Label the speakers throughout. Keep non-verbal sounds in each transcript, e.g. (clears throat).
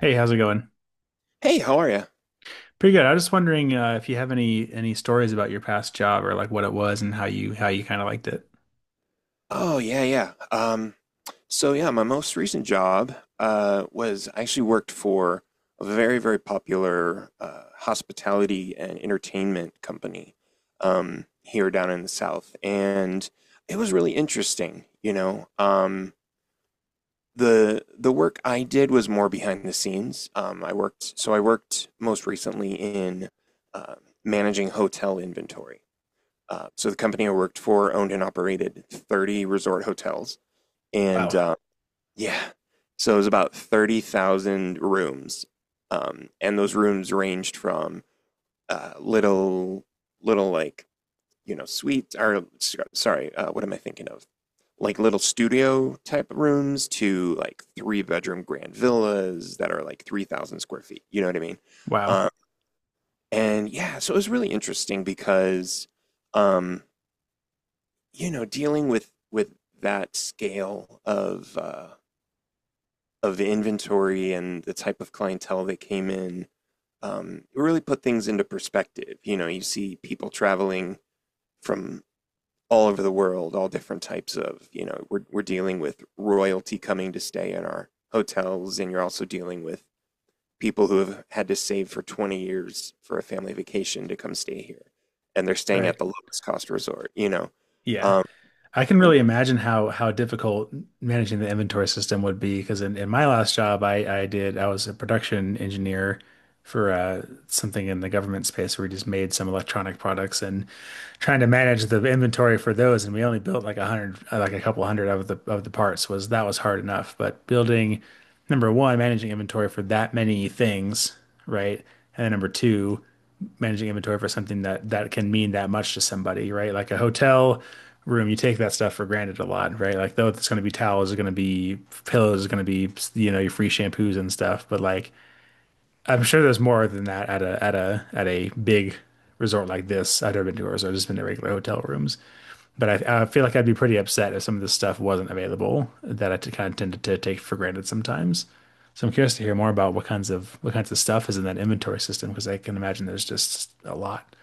Speaker 1: Hey, how's it going?
Speaker 2: Hey, how are you?
Speaker 1: Pretty good. I was just wondering if you have any stories about your past job, or like what it was and how you kind of liked it.
Speaker 2: Oh, yeah, yeah. So yeah, my most recent job was I actually worked for a very, very popular hospitality and entertainment company here down in the South, and it was really interesting. The work I did was more behind the scenes. So I worked most recently in uh, managing hotel inventory. So the company I worked for owned and operated 30 resort hotels, and
Speaker 1: Wow.
Speaker 2: yeah, so it was about 30,000 rooms, and those rooms ranged from little, little like you know suites or sorry, what am I thinking of? Like little studio type rooms to like three-bedroom grand villas that are like 3,000 square feet. You know what I mean?
Speaker 1: Wow.
Speaker 2: Uh, and yeah, so it was really interesting because. Um, dealing with that scale of inventory and the type of clientele that came in, it really put things into perspective. You know, you see people traveling from all over the world, all different types of, you know, we're dealing with royalty coming to stay in our hotels, and you're also dealing with people who have had to save for 20 years for a family vacation to come stay here, and they're staying
Speaker 1: Right.
Speaker 2: at the lowest cost resort.
Speaker 1: Yeah.
Speaker 2: Um,
Speaker 1: I can
Speaker 2: In-
Speaker 1: really imagine how difficult managing the inventory system would be, because in my last job I was a production engineer for something in the government space where we just made some electronic products, and trying to manage the inventory for those. And we only built like a hundred like a couple hundred of the parts. Was that was hard enough, but building, number one, managing inventory for that many things, right? And then number two, managing inventory for something that that can mean that much to somebody, right? Like a hotel room, you take that stuff for granted a lot, right? Like though it's going to be towels, it's going to be pillows, it's going to be, you know, your free shampoos and stuff. But like, I'm sure there's more than that at a big resort like this. I've never been to a resort, I've just been to regular hotel rooms. But I feel like I'd be pretty upset if some of this stuff wasn't available that I t kind of tended to take for granted sometimes. So I'm curious to hear more about what kinds of stuff is in that inventory system, because I can imagine there's just a lot.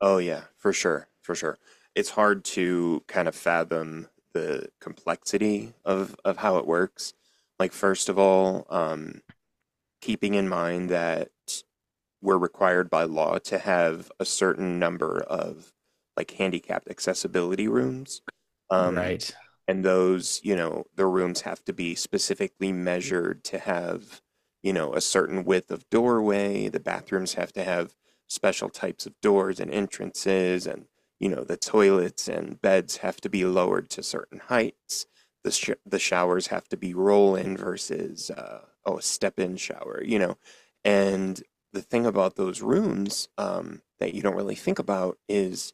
Speaker 2: Oh yeah, for sure, for sure. It's hard to kind of fathom the complexity of how it works. Like first of all, keeping in mind that we're required by law to have a certain number of like handicapped accessibility rooms. Um,
Speaker 1: Right.
Speaker 2: and those you know the rooms have to be specifically measured to have you know a certain width of doorway, the bathrooms have to have special types of doors and entrances, and you know the toilets and beds have to be lowered to certain heights, the showers have to be roll in versus oh, a step in shower, you know. And the thing about those rooms that you don't really think about is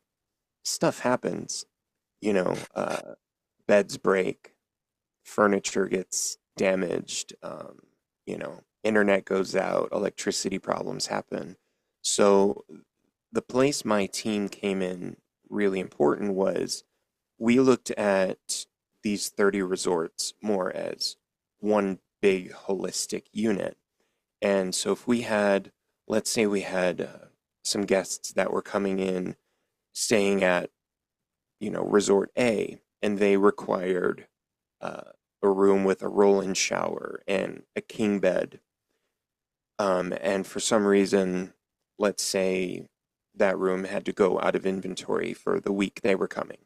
Speaker 2: stuff happens, you know uh, beds break, furniture gets damaged, you know, internet goes out, electricity problems happen. So the place my team came in really important was we looked at these 30 resorts more as one big holistic unit. And so if we had, let's say we had some guests that were coming in staying at, you know, resort A, and they required uh, a room with a roll-in shower and a king bed. And for some reason, let's say that room had to go out of inventory for the week they were coming.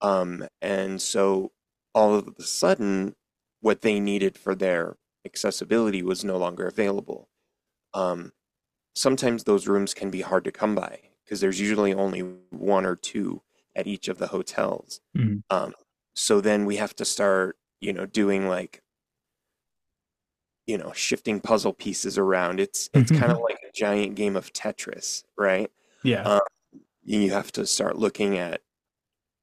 Speaker 2: And so all of a sudden, what they needed for their accessibility was no longer available. Um, sometimes those rooms can be hard to come by because there's usually only one or two at each of the hotels.
Speaker 1: Mm.
Speaker 2: Um, so then we have to start, you know, doing like, you know, shifting puzzle pieces around. It's kind of like
Speaker 1: (laughs)
Speaker 2: a giant game of Tetris, right?
Speaker 1: Yeah,
Speaker 2: Um, you have to start looking at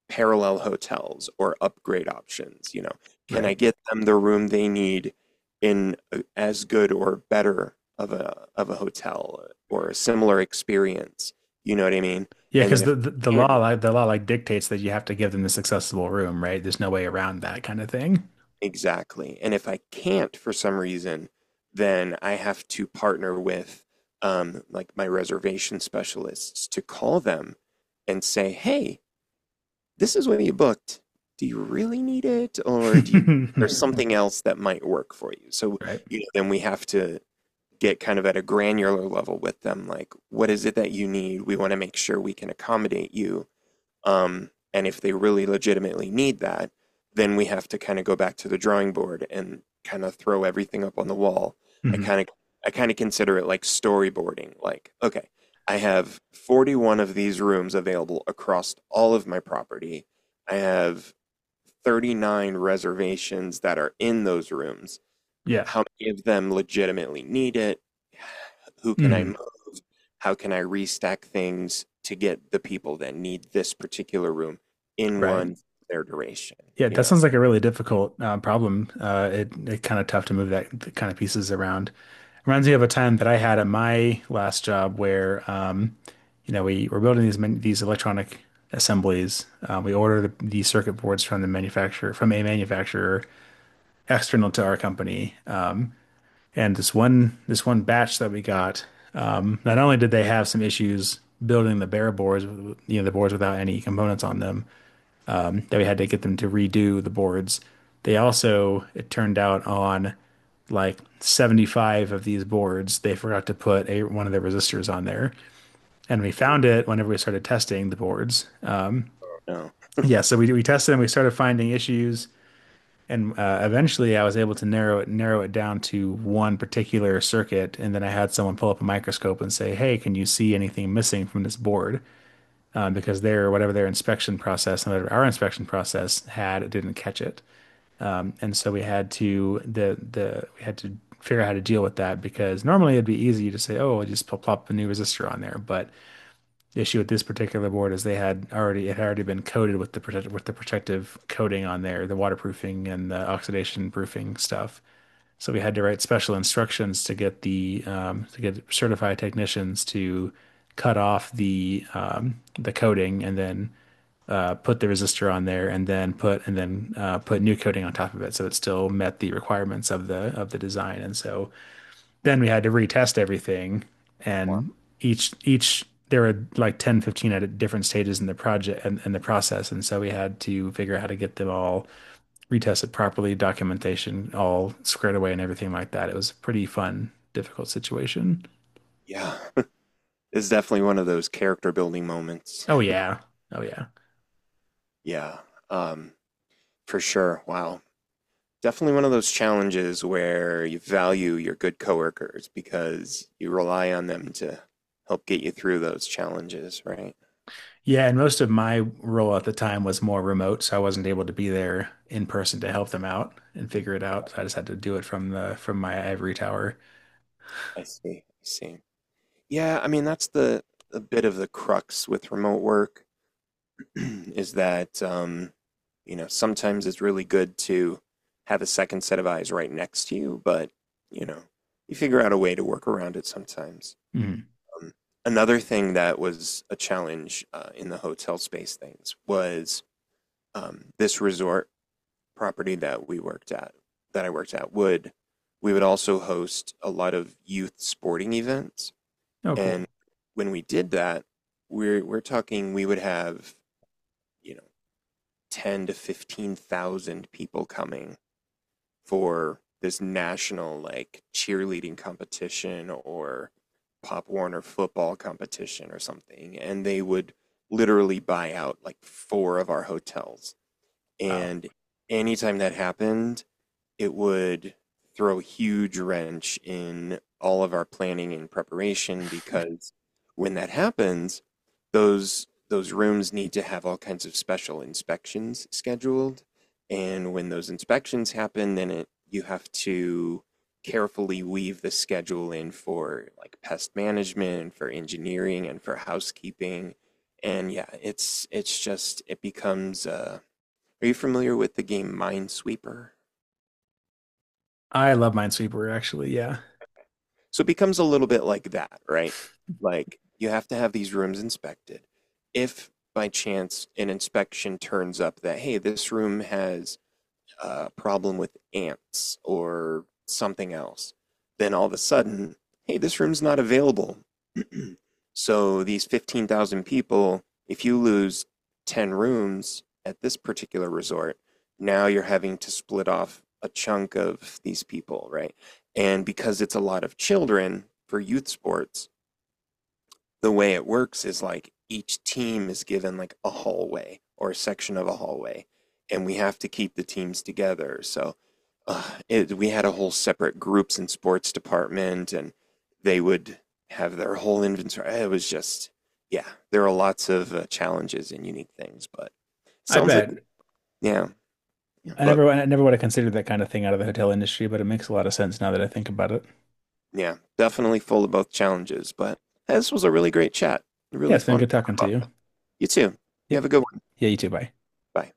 Speaker 2: parallel hotels or upgrade options. You know, can I
Speaker 1: right.
Speaker 2: get them the room they need in as good or better of a hotel or a similar experience? You know what I mean?
Speaker 1: Yeah,
Speaker 2: And then
Speaker 1: because
Speaker 2: if
Speaker 1: the
Speaker 2: I
Speaker 1: law,
Speaker 2: can,
Speaker 1: like the law, like dictates that you have to give them this accessible room, right? There's no way around that kind of thing.
Speaker 2: exactly. And if I can't for some reason, then I have to partner with like my reservation specialists to call them and say, "Hey, this is what you booked. Do you really need it, or do you
Speaker 1: (laughs)
Speaker 2: there's something else that might work for you?" So
Speaker 1: Right.
Speaker 2: you know, then we have to get kind of at a granular level with them, like, "What is it that you need? We want to make sure we can accommodate you." And if they really legitimately need that, then we have to kind of go back to the drawing board and kind of throw everything up on the wall. I
Speaker 1: Mhm.
Speaker 2: kind of I kind of consider it like storyboarding. Like, okay, I have 41 of these rooms available across all of my property. I have 39 reservations that are in those rooms.
Speaker 1: Yeah.
Speaker 2: How many of them legitimately need it? (sighs) Who can I move?
Speaker 1: Hmm.
Speaker 2: How can I restack things to get the people that need this particular room in
Speaker 1: Right.
Speaker 2: one their duration?
Speaker 1: Yeah,
Speaker 2: You
Speaker 1: that
Speaker 2: know,
Speaker 1: sounds like a really difficult problem. It it kind of tough to move that th- kind of pieces around. Reminds me of a time that I had at my last job where, you know, we were building these these electronic assemblies. We ordered the circuit boards from the manufacturer from a manufacturer external to our company. And this one batch that we got, not only did they have some issues building the bare boards, you know, the boards without any components on them, that we had to get them to redo the boards. They also, it turned out, on like 75 of these boards, they forgot to put one of the resistors on there. And we found it whenever we started testing the boards.
Speaker 2: no.
Speaker 1: Yeah, so we tested and we started finding issues. And eventually I was able to narrow it down to one particular circuit. And then I had someone pull up a microscope and say, "Hey, can you see anything missing from this board?" Because their, whatever their inspection process and whatever our inspection process had, it didn't catch it. And so we had to the we had to figure out how to deal with that, because normally it'd be easy to say, oh, we'll just plop a new resistor on there. But the issue with this particular board is they had already it had already been coated with the protective coating on there, the waterproofing and the oxidation proofing stuff. So we had to write special instructions to get the to get certified technicians to cut off the coating, and then put the resistor on there, and then put new coating on top of it so it still met the requirements of the design. And so then we had to retest everything.
Speaker 2: Wow.
Speaker 1: And each there were like 10, 15 at different stages in the project and in the process. And so we had to figure out how to get them all retested properly, documentation all squared away and everything like that. It was a pretty fun difficult situation.
Speaker 2: Yeah. (laughs) It's definitely one of those character building moments.
Speaker 1: Oh yeah. Oh yeah.
Speaker 2: Yeah. Um, for sure. Wow. Definitely one of those challenges where you value your good coworkers because you rely on them to help get you through those challenges, right?
Speaker 1: Yeah, and most of my role at the time was more remote, so I wasn't able to be there in person to help them out and figure it out. So I just had to do it from the from my ivory tower.
Speaker 2: I see. I see. Yeah, I mean that's the a bit of the crux with remote work (clears throat) is that you know sometimes it's really good to have a second set of eyes right next to you, but you know you figure out a way to work around it sometimes.
Speaker 1: Mhm.
Speaker 2: Um, another thing that was a challenge in the hotel space things was this resort property that I worked at would, we would also host a lot of youth sporting events.
Speaker 1: Oh, cool.
Speaker 2: And when we did that, we're talking we would have, you know, 10 to 15,000 people coming for this national like cheerleading competition or Pop Warner football competition or something, and they would literally buy out like four of our hotels,
Speaker 1: Wow.
Speaker 2: and anytime that happened, it would throw a huge wrench in all of our planning and preparation because when that happens, those rooms need to have all kinds of special inspections scheduled. And when those inspections happen, then it you have to carefully weave the schedule in for like pest management, for engineering, and for housekeeping. And yeah, it's just it becomes uh, are you familiar with the game Minesweeper?
Speaker 1: I love Minesweeper actually. Yeah.
Speaker 2: So it becomes a little bit like that, right? Like you have to have these rooms inspected. If by chance an inspection turns up that, hey, this room has a problem with ants or something else, then all of a sudden, hey, this room's not available. (clears throat) So these 15,000 people, if you lose 10 rooms at this particular resort, now you're having to split off a chunk of these people, right? And because it's a lot of children for youth sports, the way it works is like each team is given like a hallway or a section of a hallway, and we have to keep the teams together. So uh, it, we had a whole separate groups and sports department, and they would have their whole inventory. It was just, yeah, there are lots of challenges and unique things, but
Speaker 1: I
Speaker 2: sounds like,
Speaker 1: bet.
Speaker 2: yeah, yeah, but
Speaker 1: I never would have considered that kind of thing out of the hotel industry, but it makes a lot of sense now that I think about it.
Speaker 2: yeah, definitely full of both challenges. But this was a really great chat,
Speaker 1: Yeah,
Speaker 2: really
Speaker 1: it's been
Speaker 2: fun.
Speaker 1: good talking to you.
Speaker 2: You too. You have
Speaker 1: Yep.
Speaker 2: a good one.
Speaker 1: Yeah, you too. Bye.
Speaker 2: Bye.